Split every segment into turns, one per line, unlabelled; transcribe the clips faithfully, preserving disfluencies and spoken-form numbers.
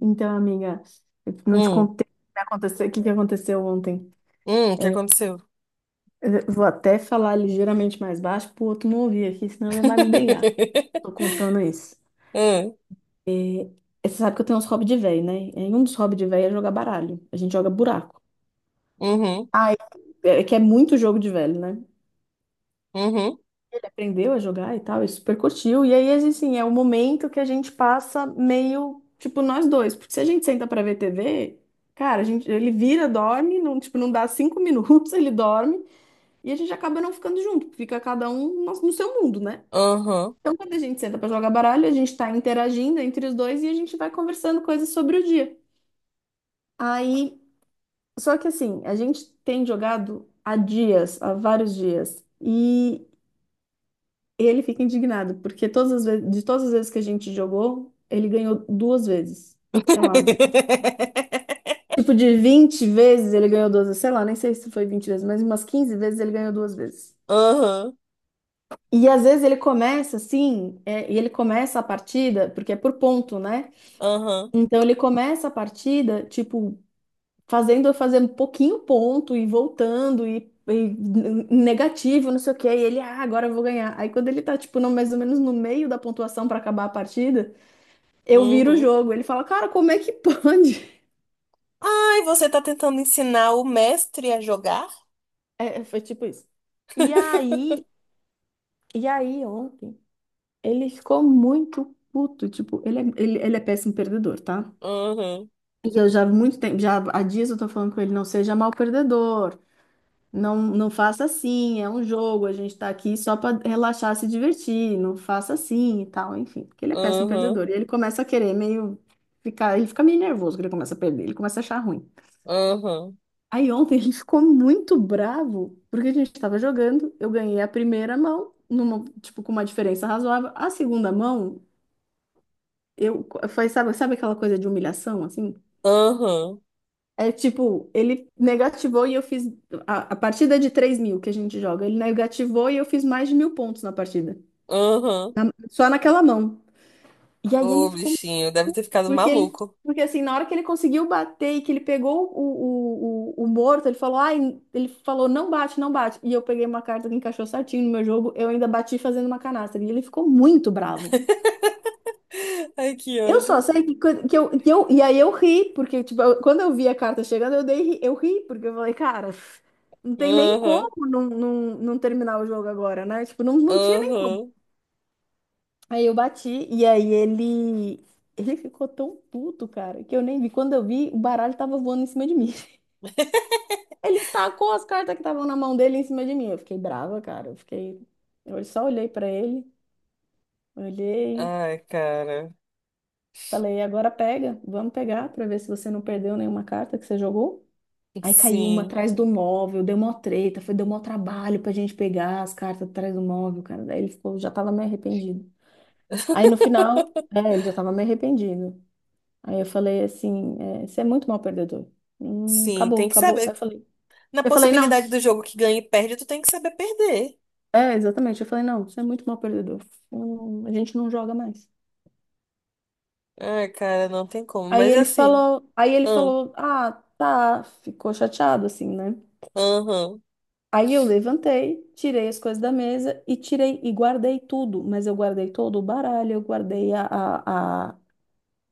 Então, amiga, eu não te
Hum,
contei o que aconteceu, o que que aconteceu ontem.
hum, o que
É,
aconteceu?
eu vou até falar ligeiramente mais baixo pro outro não ouvir aqui, senão ele vai me brigar. Tô contando isso.
Hum.
É, é, você sabe que eu tenho uns hobbies de velho, né? E um dos hobbies de velho é jogar baralho. A gente joga buraco.
Uhum.
Ah, é, é que é muito jogo de velho, né?
Uhum.
Ele aprendeu a jogar e tal, e super curtiu. E aí, assim, é o momento que a gente passa meio, tipo, nós dois. Porque se a gente senta pra ver tê vê, cara, a gente, ele vira, dorme, não, tipo, não dá cinco minutos, ele dorme, e a gente acaba não ficando junto, fica cada um no, no seu mundo, né?
Uhum.
Então, quando a gente senta pra jogar baralho, a gente tá interagindo entre os dois e a gente vai conversando coisas sobre o dia. Aí, só que assim, a gente tem jogado há dias, há vários dias. e E ele fica indignado, porque todas as vezes, de todas as vezes que a gente jogou, ele ganhou duas vezes. Sei lá, de, tipo de vinte vezes ele ganhou duas vezes. Sei lá, nem sei se foi vinte vezes, mas umas quinze vezes ele ganhou duas vezes.
Aham.
E às vezes ele começa assim, é, e ele começa a partida, porque é por ponto, né?
Aham.
Então ele começa a partida, tipo, fazendo eu fazer um pouquinho ponto e voltando e, e negativo, não sei o quê. E ele, ah, agora eu vou ganhar. Aí quando ele tá, tipo, no, mais ou menos no meio da pontuação pra acabar a partida. Eu viro o
Uhum.
jogo. Ele fala, cara, como é que pode?
Ai, você tá tentando ensinar o mestre a jogar?
É, foi tipo isso. E aí, e aí ontem, ele ficou muito puto. Tipo, ele é, ele, ele é péssimo perdedor, tá?
Aham.
E eu já há muito tempo, já há dias eu tô falando com ele, não seja mal perdedor. Não, não faça assim, é um jogo, a gente tá aqui só pra relaxar, se divertir, não faça assim e tal, enfim, porque ele é péssimo
Aham.
perdedor. E ele começa a querer meio ficar, ele fica meio nervoso quando ele começa a perder, ele começa a achar ruim.
Aham.
Aí ontem ele ficou muito bravo, porque a gente estava jogando, eu ganhei a primeira mão, numa, tipo, com uma diferença razoável. A segunda mão, eu foi, sabe, sabe aquela coisa de humilhação, assim?
Aham.
É tipo, ele negativou e eu fiz. A, a partida é de três mil que a gente joga. Ele negativou e eu fiz mais de mil pontos na partida.
Aham.
Na- só naquela mão. E aí ele
Ô,
ficou.
bichinho, deve ter ficado
Porque ele,
maluco.
porque assim, na hora que ele conseguiu bater e que ele pegou o, o, o, o morto, ele falou, ai, ele falou, não bate, não bate. E eu peguei uma carta que encaixou certinho no meu jogo, eu ainda bati fazendo uma canastra. E ele ficou muito bravo.
Ai, que
Eu só
ódio.
sei que, quando- que, eu, que eu. E aí eu ri, porque, tipo, eu- quando eu vi a carta chegando, eu dei, ri- eu ri, porque eu falei, cara, não tem nem como
Aham.
não, não, não terminar o jogo agora, né? Tipo, não, não tinha nem como.
Aham.
Aí eu bati e aí ele ele ficou tão puto, cara, que eu nem vi. Quando eu vi, o baralho tava voando em cima de mim. Ele tacou as cartas que estavam na mão dele em cima de mim. Eu fiquei brava, cara. Eu fiquei, eu só olhei pra ele, olhei,
Ai, cara.
falei: "Agora pega, vamos pegar pra ver se você não perdeu nenhuma carta que você jogou". Aí caiu uma
Sim.
atrás do móvel, deu mó treta, foi deu mó trabalho pra gente pegar as cartas atrás do móvel, cara. Daí ele ficou, já tava meio arrependido. Aí no final, é, ele já tava meio arrependido. Aí eu falei assim, é, você é muito mal perdedor. Hum,
Sim,
acabou,
tem que
acabou. Aí
saber.
eu falei,
Na
eu falei, não,
possibilidade do jogo que ganha e perde, tu tem que saber perder.
é, exatamente. Eu falei, não, você é muito mal perdedor. Hum, a gente não joga mais.
Ai, cara, não tem como.
Aí
Mas
ele
assim.
falou, aí ele
Aham.
falou, ah, tá, ficou chateado assim, né?
Aham.
Aí eu levantei, tirei as coisas da mesa e tirei e guardei tudo, mas eu guardei todo o baralho, eu guardei a, a,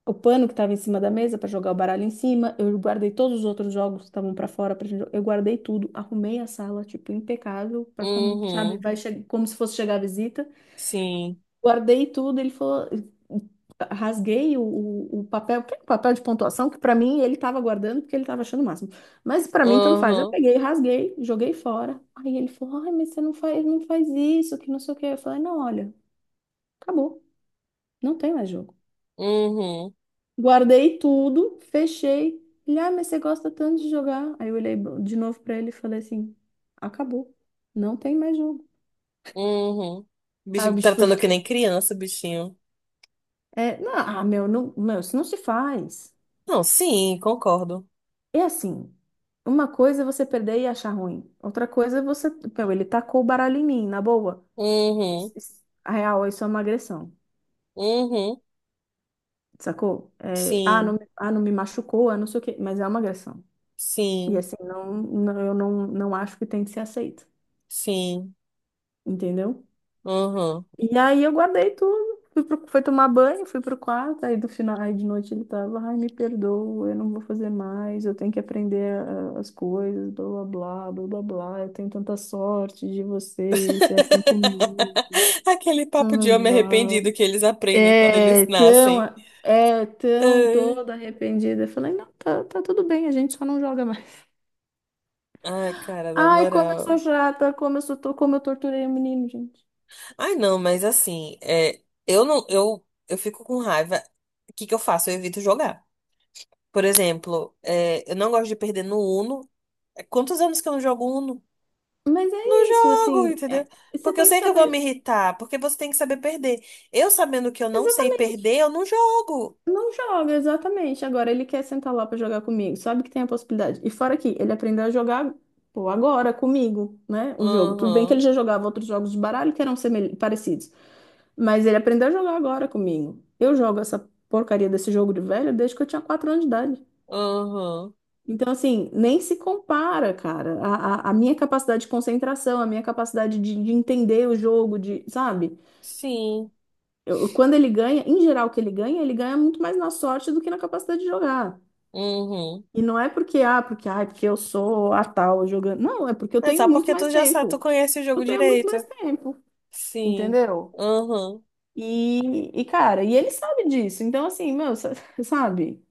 o pano que estava em cima da mesa para jogar o baralho em cima. Eu guardei todos os outros jogos que estavam para fora pra gente. jo- Eu guardei tudo, arrumei a sala, tipo, impecável, para como, sabe,
Uhum.
vai che- como se fosse chegar a visita.
Sim.
Guardei tudo, ele falou, rasguei o, o, o papel, que é o papel de pontuação que para mim ele estava guardando porque ele estava achando o máximo. Mas para mim tanto faz. Eu
Aham.
peguei, rasguei, joguei fora. Aí ele falou: "Ai, mas você não faz, não faz isso, que não sei o quê". Eu falei: "Não, olha, acabou. Não tem mais jogo.
Uhum.
Guardei tudo, fechei". Ele, ah, mas você gosta tanto de jogar. Aí eu olhei de novo pra ele e falei assim: acabou, não tem mais jogo.
Uhum.
Aí o
Bichinho
bicho foi.
tratando que
ficar-
nem criança, bichinho.
É, não, ah, meu, não, meu, isso não se faz.
Não, sim, concordo.
É assim: uma coisa é você perder e achar ruim, outra coisa é você. Meu, ele tacou o baralho em mim, na boa. Isso-
Uhum.
isso- A real, isso é uma agressão,
Uhum.
sacou? É, ah, não,
Sim.
me- ah, não me machucou, ah, não sei o quê, mas é uma agressão. E
Sim.
assim, não, não, eu não, não acho que tem que ser aceito,
Sim.
entendeu?
Uhum.
E aí eu guardei tudo. Fui, pro- fui tomar banho, fui pro quarto, aí do final, aí de noite ele tava, ai, me perdoa, eu não vou fazer mais, eu tenho que aprender ah, as coisas, blá blá blá, blá blá blá, eu tenho tanta sorte de você ser assim comigo,
Aquele
blá
papo de homem
blá blá.
arrependido que eles aprendem quando eles
É tão,
nascem.
é tão
Ai,
toda arrependida. Eu falei, não, tá, tá tudo bem, a gente só não joga mais.
ai, cara, na
Ai, como eu sou
moral.
chata, como eu sou, to- como eu torturei o menino, gente.
Ai, não, mas assim, é, eu não, eu, eu fico com raiva. O que que eu faço? Eu evito jogar. Por exemplo, é, eu não gosto de perder no Uno. É, quantos anos que eu não jogo Uno?
Mas
Não
é isso,
jogo,
assim,
entendeu?
é- você
Porque eu
tem que
sei que eu vou me
saber.
irritar, porque você tem que saber perder. Eu sabendo que eu não sei perder, eu não jogo.
Não joga, exatamente. Agora ele quer sentar lá pra jogar comigo. Sabe que tem a possibilidade. E fora que ele aprendeu a jogar, pô, agora comigo, né? Um jogo. Tudo bem que ele
Uhum,
já jogava outros jogos de baralho que eram semel- parecidos, mas ele aprendeu a jogar agora comigo. Eu jogo essa porcaria desse jogo de velho desde que eu tinha quatro anos de idade.
uhum,
Então, assim, nem se compara, cara. A, a, a minha capacidade de concentração, a minha capacidade de, de entender o jogo, de, sabe?
sim,
Eu- quando ele ganha, em geral, o que ele ganha, ele ganha muito mais na sorte do que na capacidade de jogar.
uhum.
E não é porque, ah, porque, ah, porque eu sou a tal jogando. Não, é porque eu
É só
tenho muito
porque
mais
tu já sabe, tu
tempo.
conhece o
Eu
jogo
tenho muito
direito.
mais tempo,
Sim,
entendeu?
uhum.
E, e cara, e ele sabe disso. Então, assim, meu, sa- sabe?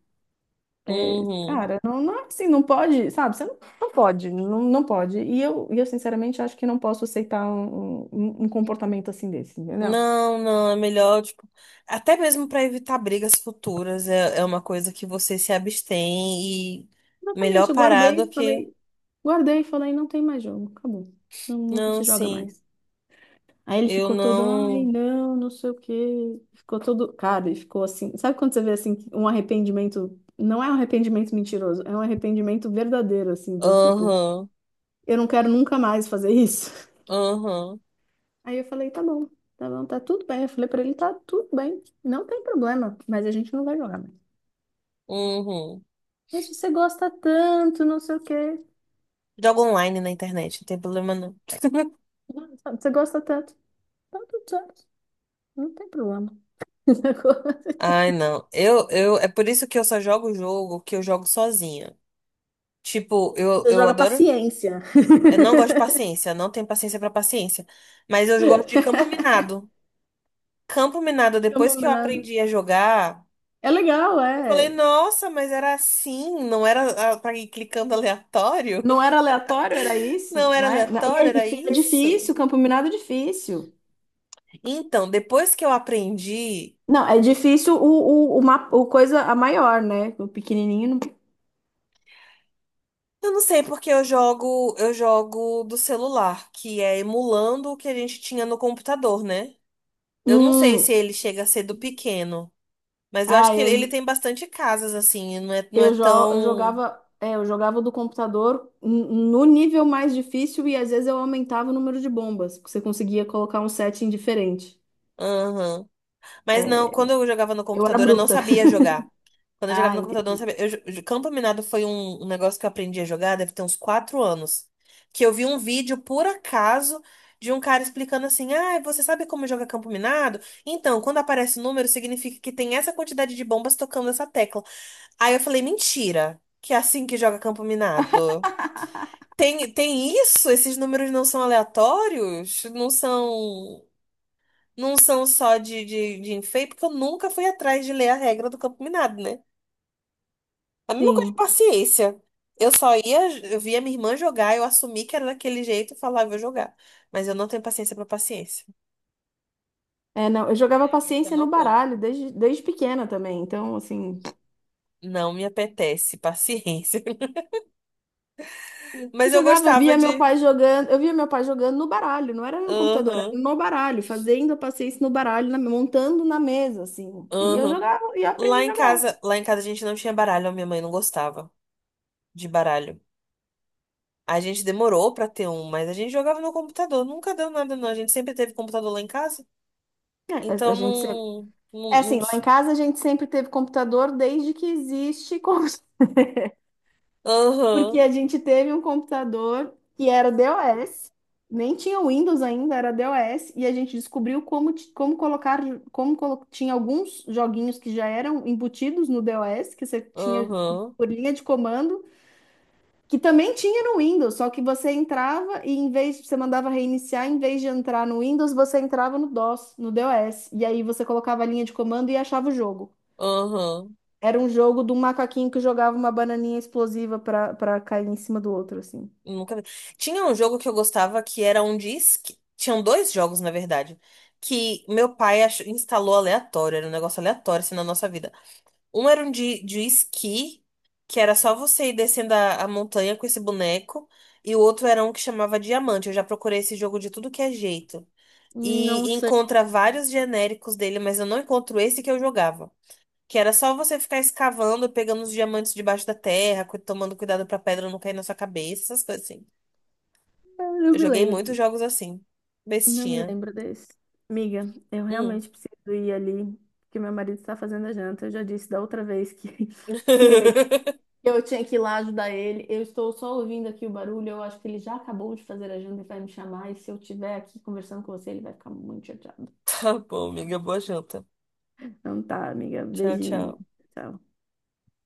É,
Uhum.
cara, não, não é assim, não pode, sabe? Você não, não pode, não, não pode. E eu, e eu, sinceramente, acho que não posso aceitar um, um, um um comportamento assim desse, entendeu?
Não, não, é melhor, tipo, até mesmo para evitar brigas futuras, é, é uma coisa que você se abstém e melhor
Exatamente, eu
parar
guardei
do
e
que.
falei, guardei e falei, não tem mais jogo, acabou. Não, não
Não,
se joga
sim,
mais. Aí ele
eu
ficou todo, ai,
não.
não, não sei o quê. Ficou todo, cara, ele ficou assim. Sabe quando você vê assim que um arrependimento, não é um arrependimento mentiroso, é um arrependimento verdadeiro assim, de tipo,
Aham,
eu não quero nunca mais fazer isso.
aham,
Aí eu falei, tá bom. Tá bom, tá tudo bem. Eu falei pra ele, tá tudo bem. Não tem problema, mas a gente não vai jogar mais.
uhum.
Mas você gosta tanto, não sei o quê.
Jogo online na internet, não tem problema não.
Não, sabe, você gosta tanto. Tá tudo certo. Não tem problema. Você
Ai, não. Eu, eu, é por isso que eu só jogo o jogo que eu jogo sozinha. Tipo, eu, eu
joga
adoro.
paciência.
Eu não gosto de paciência, não tenho paciência pra paciência. Mas eu gosto de campo minado. Campo Minado,
É um
depois
pouco
que eu
menor.
aprendi a jogar,
É legal,
eu falei,
é.
nossa, mas era assim, não era ah, pra ir clicando aleatório?
Não era aleatório, era isso,
Não era
né? Na- E é,
aleatório, era
e é
isso?
difícil, campo minado é difícil.
Então, depois que eu aprendi,
Não, é difícil o, o, o, ma- o coisa a maior, né? O pequenininho. não-
eu não sei porque eu jogo, eu jogo do celular, que é emulando o que a gente tinha no computador, né? Eu não sei se
Hum,
ele chega a ser do pequeno, mas eu acho
ah,
que ele,
eu,
ele
jo-
tem bastante casas assim, não é, não é
eu, jo, eu
tão.
jogava, é, eu jogava do computador n- no nível mais difícil e às vezes eu aumentava o número de bombas, porque você conseguia colocar um setting diferente.
Aham. Mas não,
É,
quando eu jogava no
eu era
computador, eu não
bruta.
sabia jogar. Quando eu jogava
Ah,
no computador, eu não
entendi.
sabia. Eu jo- jo- Campo Minado foi um, um negócio que eu aprendi a jogar, deve ter uns quatro anos. Que eu vi um vídeo, por acaso, de um cara explicando assim: Ah, você sabe como joga Campo Minado? Então, quando aparece o número, significa que tem essa quantidade de bombas tocando essa tecla. Aí eu falei: Mentira, que é assim que joga Campo Minado. Tem, tem isso? Esses números não são aleatórios? Não são não são só de, de, de enfeite, porque eu nunca fui atrás de ler a regra do campo minado, né? A mesma coisa de
Sim.
paciência. Eu só ia, eu via minha irmã jogar, eu assumi que era daquele jeito e falava, "Eu vou jogar. Mas eu não tenho paciência pra paciência.
É, não, eu jogava
Eu
paciência no
não como.
baralho desde, desde pequena também, então, assim.
Não me apetece paciência.
Eu
Mas eu
jogava, eu
gostava
via meu
de.
pai jogando, eu via meu pai jogando no baralho, não era no computador, era
Aham,
no baralho, fazendo a paciência no baralho, na- montando na mesa, assim. E eu
aham.
jogava e eu aprendi
Lá
a
em
jogar.
casa, lá em casa a gente não tinha baralho, a minha mãe não gostava de baralho. A gente demorou pra ter um, mas a gente jogava no computador, nunca deu nada, não. A gente sempre teve computador lá em casa.
É, a a
Então
gente sempre,
não.
é
não, não
assim, lá em
ti-
casa a gente sempre teve computador desde que existe, com- porque
Aham,
a gente teve um computador que era DOS, nem tinha Windows ainda, era DOS, e a gente descobriu como, ti- como colocar, como colo- tinha alguns joguinhos que já eram embutidos no DOS, que você tinha
aham,
por linha de comando. Que também tinha no Windows, só que você entrava e em vez você mandava reiniciar, em vez de entrar no Windows, você entrava no DOS, no DOS. E aí você colocava a linha de comando e achava o jogo.
aham.
Era um jogo de um macaquinho que jogava uma bananinha explosiva pra, pra cair em cima do outro, assim.
Nunca vi. Tinha um jogo que eu gostava que era um disque. Tinham dois jogos, na verdade. Que meu pai ach- instalou aleatório. Era um negócio aleatório assim na nossa vida. Um era um de, de esqui, que era só você ir descendo a, a montanha com esse boneco. E o outro era um que chamava Diamante. Eu já procurei esse jogo de tudo que é jeito.
Não
E
sei.
encontra vários genéricos dele, mas eu não encontro esse que eu jogava. Que era só você ficar escavando, pegando os diamantes debaixo da terra, cu- tomando cuidado pra pedra não cair na sua cabeça, essas coisas assim.
Eu não
Eu
me
joguei
lembro.
muitos
de-
jogos assim.
Não me
Bestinha.
lembro desse. Amiga, eu
Hum.
realmente preciso ir ali, porque meu marido está fazendo a janta. Eu já disse da outra vez que, que eu tinha que ir lá ajudar ele. Eu estou só ouvindo aqui o barulho. Eu acho que ele já acabou de fazer a janta e vai me chamar. E se eu estiver aqui conversando com você, ele vai ficar muito chateado.
Tá bom, amiga. Boa janta.
Então tá, amiga.
Tchau,
Beijinho.
tchau.
Tchau.